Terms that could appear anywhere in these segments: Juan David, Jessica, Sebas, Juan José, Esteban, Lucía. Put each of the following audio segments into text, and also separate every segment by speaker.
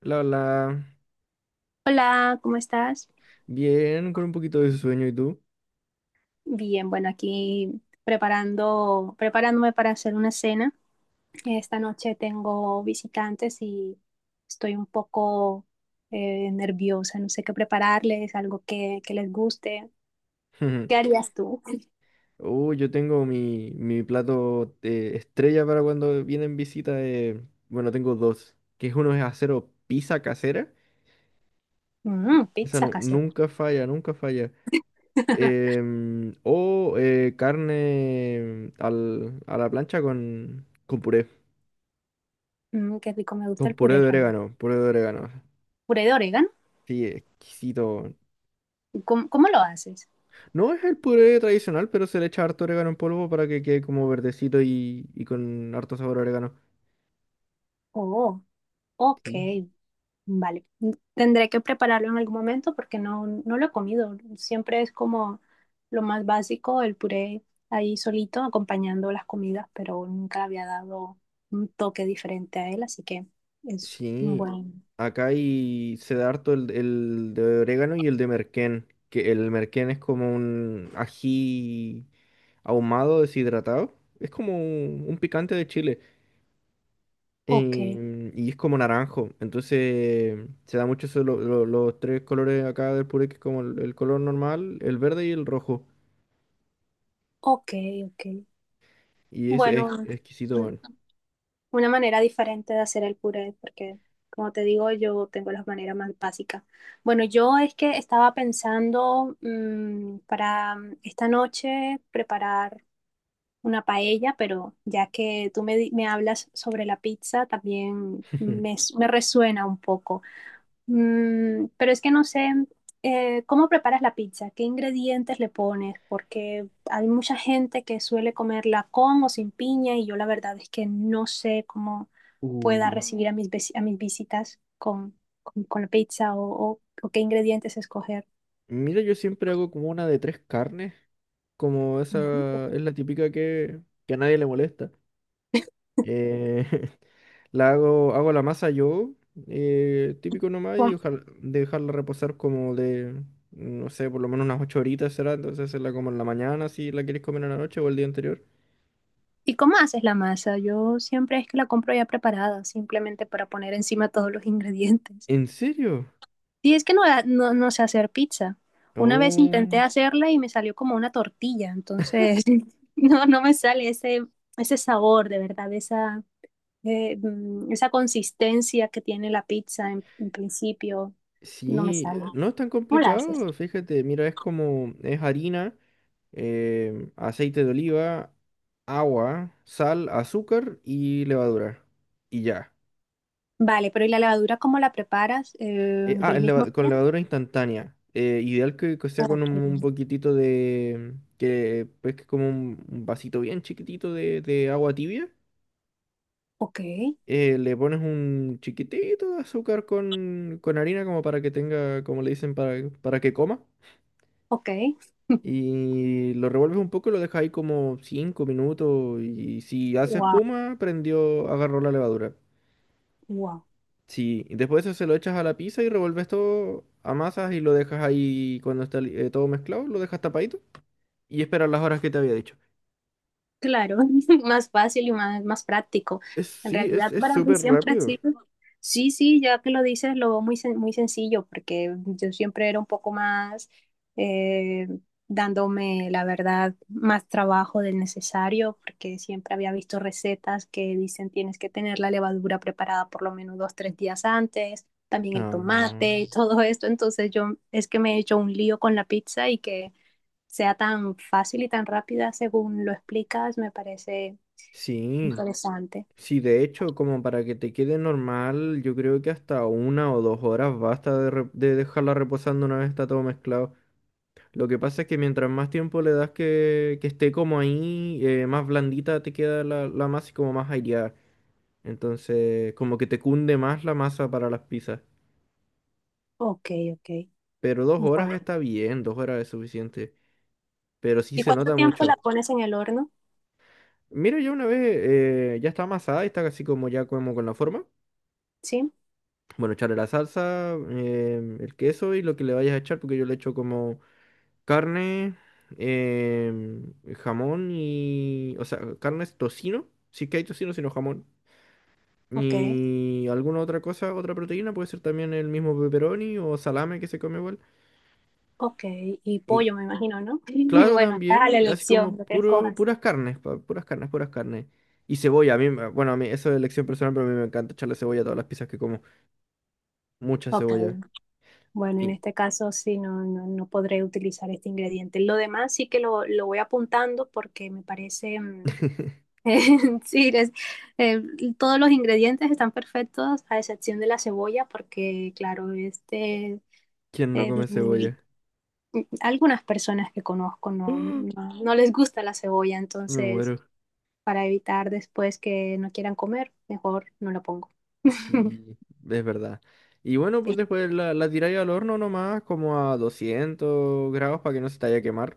Speaker 1: La, la,
Speaker 2: Hola, ¿cómo estás?
Speaker 1: Bien, con un poquito de sueño, ¿y tú?
Speaker 2: Bien, bueno, aquí preparándome para hacer una cena. Esta noche tengo visitantes y estoy un poco nerviosa, no sé qué prepararles, algo que les guste. ¿Qué harías tú?
Speaker 1: Yo tengo mi plato estrella para cuando vienen visitas. Bueno, tengo dos, que uno es acero pizza casera.
Speaker 2: Mm,
Speaker 1: Esa
Speaker 2: pizza
Speaker 1: no,
Speaker 2: casera.
Speaker 1: nunca falla, nunca falla. O carne a la plancha con puré,
Speaker 2: Mm, qué rico, me gusta
Speaker 1: con
Speaker 2: el
Speaker 1: puré
Speaker 2: puré
Speaker 1: de
Speaker 2: también.
Speaker 1: orégano, puré de orégano.
Speaker 2: ¿Puré de orégano?
Speaker 1: Sí, exquisito.
Speaker 2: ¿Cómo lo haces?
Speaker 1: No es el puré tradicional, pero se le echa harto orégano en polvo para que quede como verdecito y con harto sabor a orégano.
Speaker 2: Oh, ok.
Speaker 1: Sí.
Speaker 2: Vale, tendré que prepararlo en algún momento porque no lo he comido. Siempre es como lo más básico, el puré ahí solito acompañando las comidas, pero nunca le había dado un toque diferente a él, así que es un
Speaker 1: Sí.
Speaker 2: buen.
Speaker 1: Acá se da harto el de orégano y el de merquén. Que el merquén es como un ají ahumado, deshidratado. Es como un picante de Chile.
Speaker 2: Ok,
Speaker 1: Y es como naranjo. Entonces se da mucho eso, los tres colores acá del puré, que es como el color normal, el verde y el rojo.
Speaker 2: ok, ok.
Speaker 1: Y es
Speaker 2: Bueno,
Speaker 1: exquisito,
Speaker 2: un-
Speaker 1: bueno.
Speaker 2: una manera diferente de hacer el puré porque, como te digo, yo tengo las maneras más básicas. Bueno, yo es que estaba pensando para esta noche preparar una paella, pero ya que tú me hablas sobre la pizza, también me resuena un poco. Mm, pero es que no sé, ¿cómo preparas la pizza? ¿Qué ingredientes le pones? Porque hay mucha gente que suele comerla con o sin piña y yo la verdad es que no sé cómo pueda
Speaker 1: Uh,
Speaker 2: recibir a a mis visitas con la pizza o, o qué ingredientes escoger.
Speaker 1: mira, yo siempre hago como una de tres carnes, como
Speaker 2: Ujú.
Speaker 1: esa es la típica que a nadie le molesta. Eh, hago la masa yo, típico nomás, y dejarla reposar como de, no sé, por lo menos unas 8 horitas será, entonces hacerla como en la mañana si la quieres comer en la noche o el día anterior.
Speaker 2: ¿Y cómo haces la masa? Yo siempre es que la compro ya preparada, simplemente para poner encima todos los ingredientes.
Speaker 1: ¿En serio?
Speaker 2: Y es que no sé hacer pizza. Una vez intenté
Speaker 1: Oh,
Speaker 2: hacerla y me salió como una tortilla, entonces no me sale ese, ese sabor de verdad, esa, esa consistencia que tiene la pizza en principio, no me
Speaker 1: sí,
Speaker 2: sale.
Speaker 1: no es tan
Speaker 2: ¿Cómo la haces?
Speaker 1: complicado, fíjate, mira, es como, es harina. Aceite de oliva, agua, sal, azúcar y levadura. Y ya.
Speaker 2: Vale, pero ¿y la levadura cómo la preparas?
Speaker 1: Eh, ah,
Speaker 2: ¿Del
Speaker 1: es
Speaker 2: mismo
Speaker 1: leva- con
Speaker 2: día?
Speaker 1: levadura instantánea. Ideal que sea con
Speaker 2: Ok,
Speaker 1: un poquitito de... que pues que como un vasito bien chiquitito de agua tibia.
Speaker 2: ok.
Speaker 1: Le pones un chiquitito de azúcar con harina como para que tenga, como le dicen, para que coma.
Speaker 2: Ok.
Speaker 1: Y lo revuelves un poco y lo dejas ahí como 5 minutos. Y si hace
Speaker 2: Wow.
Speaker 1: espuma, prendió, agarró la levadura.
Speaker 2: Wow.
Speaker 1: Sí, y después eso se lo echas a la pizza y revuelves todo, amasas y lo dejas ahí cuando está todo mezclado, lo dejas tapadito y esperas las horas que te había dicho.
Speaker 2: Claro, más fácil y más práctico.
Speaker 1: Es,
Speaker 2: En
Speaker 1: sí, es,
Speaker 2: realidad
Speaker 1: es
Speaker 2: para mí
Speaker 1: súper
Speaker 2: siempre ha
Speaker 1: rápido.
Speaker 2: sido, sí, sí, ya que lo dices, lo veo muy sencillo, porque yo siempre era un poco más eh, dándome, la verdad, más trabajo del necesario, porque siempre había visto recetas que dicen tienes que tener la levadura preparada por lo menos dos, tres días antes, también el
Speaker 1: Ah,
Speaker 2: tomate y todo esto. Entonces yo es que me he hecho un lío con la pizza y que sea tan fácil y tan rápida según lo explicas, me parece
Speaker 1: sí,
Speaker 2: interesante.
Speaker 1: sí, de hecho, como para que te quede normal, yo creo que hasta 1 o 2 horas basta de dejarla reposando una vez está todo mezclado. Lo que pasa es que mientras más tiempo le das que esté como ahí, más blandita te queda la masa y como más aireada. Entonces, como que te cunde más la masa para las pizzas.
Speaker 2: Ok, ok.
Speaker 1: Pero 2
Speaker 2: Bueno.
Speaker 1: horas
Speaker 2: Bueno,
Speaker 1: está bien, 2 horas es suficiente. Pero sí
Speaker 2: ¿y
Speaker 1: se
Speaker 2: cuánto
Speaker 1: nota
Speaker 2: tiempo la
Speaker 1: mucho.
Speaker 2: pones en el horno?
Speaker 1: Mira, ya una vez ya está amasada y está casi como ya como con la forma.
Speaker 2: Sí,
Speaker 1: Bueno, echarle la salsa, el queso y lo que le vayas a echar, porque yo le echo como carne, em, jamón y... O sea, carne es tocino. Si es que hay tocino, sino jamón.
Speaker 2: ok,
Speaker 1: Y alguna otra cosa, otra proteína, puede ser también el mismo pepperoni o salame que se come igual.
Speaker 2: ok. Y
Speaker 1: Y
Speaker 2: pollo, me imagino, ¿no?
Speaker 1: claro,
Speaker 2: Bueno, estás a la
Speaker 1: también, así
Speaker 2: elección,
Speaker 1: como
Speaker 2: lo que escojas.
Speaker 1: puras carnes, puras carnes, puras carnes. Y cebolla, bueno, a mí eso es elección personal, pero a mí me encanta echarle cebolla a todas las pizzas que como. Mucha
Speaker 2: Ok.
Speaker 1: cebolla.
Speaker 2: Bueno, en
Speaker 1: Y.
Speaker 2: este caso sí, no podré utilizar este ingrediente. Lo demás sí que lo voy apuntando porque me parece, mm, Sí, eh, todos los ingredientes están perfectos, a excepción de la cebolla, porque, claro, este,
Speaker 1: ¿Quién no
Speaker 2: eh,
Speaker 1: come
Speaker 2: mm,
Speaker 1: cebolla?
Speaker 2: algunas personas que conozco no les gusta la cebolla,
Speaker 1: Me
Speaker 2: entonces,
Speaker 1: muero.
Speaker 2: para evitar después que no quieran comer, mejor no la pongo.
Speaker 1: Sí, es verdad. Y bueno, pues
Speaker 2: Sí.
Speaker 1: después la tiráis al horno nomás, como a 200 grados para que no se te vaya a quemar.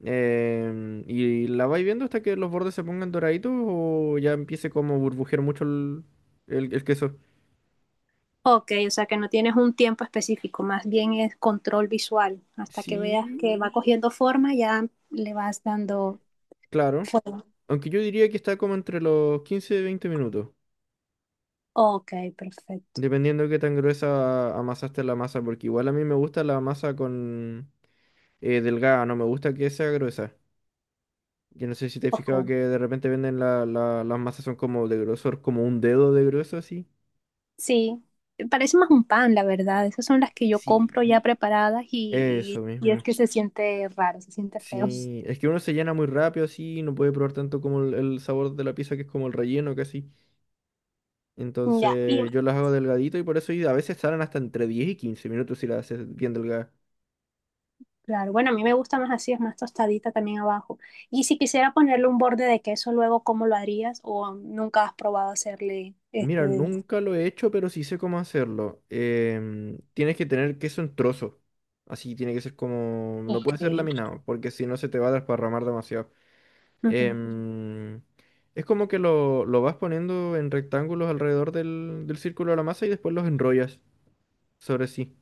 Speaker 1: Y la vais viendo hasta que los bordes se pongan doraditos o ya empiece como a burbujear mucho el queso.
Speaker 2: Ok, o sea que no tienes un tiempo específico, más bien es control visual. Hasta que veas
Speaker 1: Sí,
Speaker 2: que va cogiendo forma, ya le vas dando
Speaker 1: claro.
Speaker 2: forma.
Speaker 1: Aunque yo diría que está como entre los 15 y 20 minutos,
Speaker 2: Ok, perfecto.
Speaker 1: dependiendo de qué tan gruesa amasaste la masa, porque igual a mí me gusta la masa con delgada, no me gusta que sea gruesa. Yo no sé si te has fijado
Speaker 2: Ok.
Speaker 1: que de repente venden las masas son como de grosor, como un dedo de grueso así.
Speaker 2: Sí, parece más un pan, la verdad. Esas son las que yo compro
Speaker 1: Sí.
Speaker 2: ya preparadas
Speaker 1: Eso
Speaker 2: y es
Speaker 1: mismo.
Speaker 2: que se siente raro, se siente feo.
Speaker 1: Sí, es que uno se llena muy rápido así, y no puede probar tanto como el sabor de la pizza que es como el relleno casi.
Speaker 2: Ya, y
Speaker 1: Entonces yo las hago delgadito y por eso y a veces salen hasta entre 10 y 15 minutos si las haces bien delgadas.
Speaker 2: claro, bueno, a mí me gusta más así, es más tostadita también abajo. Y si quisiera ponerle un borde de queso luego, ¿cómo lo harías? ¿O nunca has probado hacerle este
Speaker 1: Mira,
Speaker 2: de...
Speaker 1: nunca lo he hecho, pero sí sé cómo hacerlo. Tienes que tener queso en trozo. Así tiene que ser como. No puede ser
Speaker 2: Ok.
Speaker 1: laminado, porque si no se te va a desparramar demasiado.
Speaker 2: Ujú.
Speaker 1: Em, es como que lo vas poniendo en rectángulos alrededor del círculo de la masa y después los enrollas sobre sí.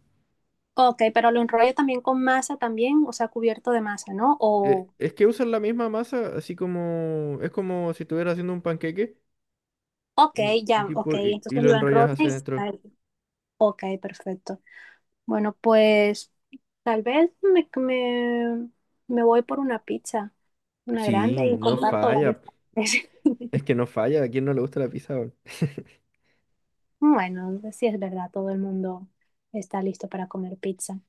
Speaker 2: Ok, pero lo enrollo también con masa también, o sea, cubierto de masa, ¿no?
Speaker 1: Eh,
Speaker 2: O,
Speaker 1: es que usan la misma masa, así como es como si estuvieras haciendo un panqueque
Speaker 2: ok,
Speaker 1: y
Speaker 2: ya, ok,
Speaker 1: tipo y
Speaker 2: entonces
Speaker 1: lo
Speaker 2: lo
Speaker 1: enrollas
Speaker 2: enrollo y...
Speaker 1: hacia adentro.
Speaker 2: Ok, perfecto. Bueno, pues... Tal vez me voy por una pizza, una grande
Speaker 1: Sí,
Speaker 2: y
Speaker 1: no
Speaker 2: comparto varios
Speaker 1: falla.
Speaker 2: sabores.
Speaker 1: Es que no falla. ¿A quién no le gusta la pizza, weón?
Speaker 2: Bueno, sí es verdad, todo el mundo está listo para comer pizza.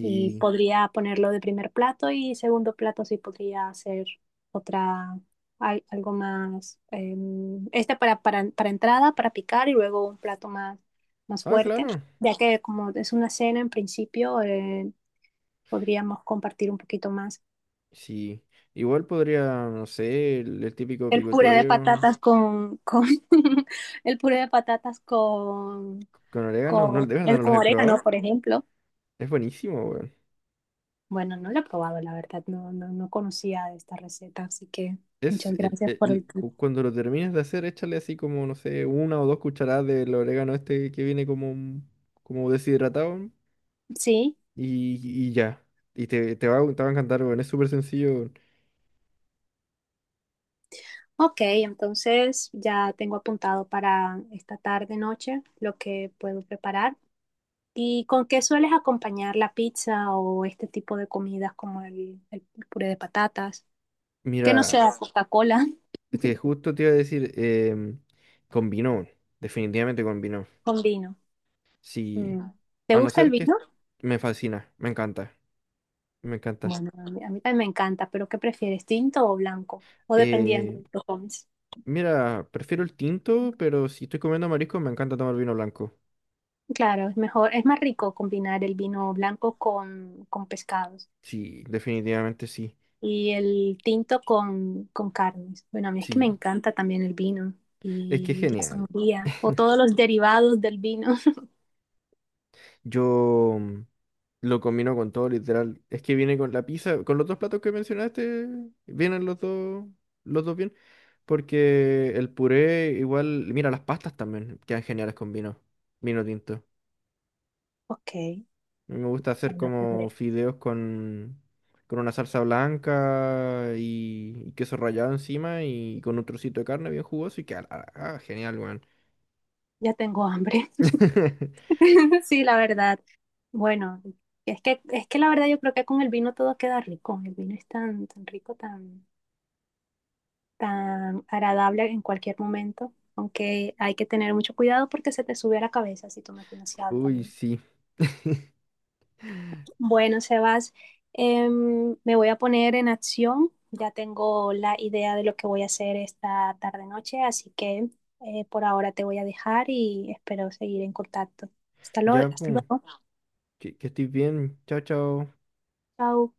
Speaker 2: Y podría ponerlo de primer plato y segundo plato sí podría hacer otra, algo más, este para entrada, para picar y luego un plato más, más
Speaker 1: Ah,
Speaker 2: fuerte,
Speaker 1: claro.
Speaker 2: ya que como es una cena en principio, podríamos compartir un poquito más.
Speaker 1: Sí. Igual podría, no sé, el típico
Speaker 2: El puré de
Speaker 1: picoteo
Speaker 2: patatas con el puré de patatas
Speaker 1: con orégano.
Speaker 2: con,
Speaker 1: No, de verdad
Speaker 2: el,
Speaker 1: no los
Speaker 2: con
Speaker 1: he
Speaker 2: orégano,
Speaker 1: probado.
Speaker 2: por ejemplo.
Speaker 1: Es buenísimo, weón.
Speaker 2: Bueno, no lo he probado, la verdad, no conocía esta receta, así que
Speaker 1: Es
Speaker 2: muchas gracias por el tip.
Speaker 1: cuando lo termines de hacer, échale así como, no sé, 1 o 2 cucharadas del orégano este que viene como, como deshidratado, ¿no?
Speaker 2: Sí,
Speaker 1: y, y ya. Y te te va a encantar, weón. Es súper sencillo, weón.
Speaker 2: ok, entonces ya tengo apuntado para esta tarde, noche, lo que puedo preparar. ¿Y con qué sueles acompañar la pizza o este tipo de comidas como el puré de patatas? Que no
Speaker 1: Mira,
Speaker 2: sea Coca-Cola.
Speaker 1: este, justo te iba a decir, combinó, weón. Definitivamente combinó.
Speaker 2: Con vino.
Speaker 1: Sí,
Speaker 2: Mm. ¿Te
Speaker 1: a no
Speaker 2: gusta el
Speaker 1: ser que
Speaker 2: vino?
Speaker 1: me fascina, me encanta, me encanta.
Speaker 2: Bueno, a a mí también me encanta, pero ¿qué prefieres, tinto o blanco? O dependiendo
Speaker 1: Eh,
Speaker 2: de los hobbies.
Speaker 1: mira, prefiero el tinto, pero si estoy comiendo marisco, me encanta tomar vino blanco.
Speaker 2: Claro, es mejor, es más rico combinar el vino blanco con pescados
Speaker 1: Sí, definitivamente sí.
Speaker 2: y el tinto con carnes. Bueno, a mí es que me
Speaker 1: Sí,
Speaker 2: encanta también el vino
Speaker 1: es que es
Speaker 2: y la
Speaker 1: genial.
Speaker 2: sangría o todos los derivados del vino.
Speaker 1: Yo lo combino con todo, literal. Es que viene con la pizza, con los dos platos que mencionaste, vienen los dos bien. Porque el puré, igual, mira, las pastas también quedan geniales con vino, vino tinto. A
Speaker 2: Ok,
Speaker 1: mí me gusta hacer
Speaker 2: bueno,
Speaker 1: como
Speaker 2: tendré.
Speaker 1: fideos con una salsa blanca y queso rallado encima y con un trocito de carne bien jugoso y queda ah, ah, genial, weón.
Speaker 2: Ya tengo hambre. Sí, la verdad. Bueno, es que la verdad yo creo que con el vino todo queda rico. El vino es tan rico, tan... tan agradable en cualquier momento, aunque hay que tener mucho cuidado porque se te sube a la cabeza si tomas demasiado
Speaker 1: Uy,
Speaker 2: también.
Speaker 1: sí.
Speaker 2: Bueno, Sebas, me voy a poner en acción. Ya tengo la idea de lo que voy a hacer esta tarde-noche, así que por ahora te voy a dejar y espero seguir en contacto. Hasta luego.
Speaker 1: Ya,
Speaker 2: Hasta
Speaker 1: po.
Speaker 2: luego.
Speaker 1: Que estés bien. Chao, chao.
Speaker 2: Chao.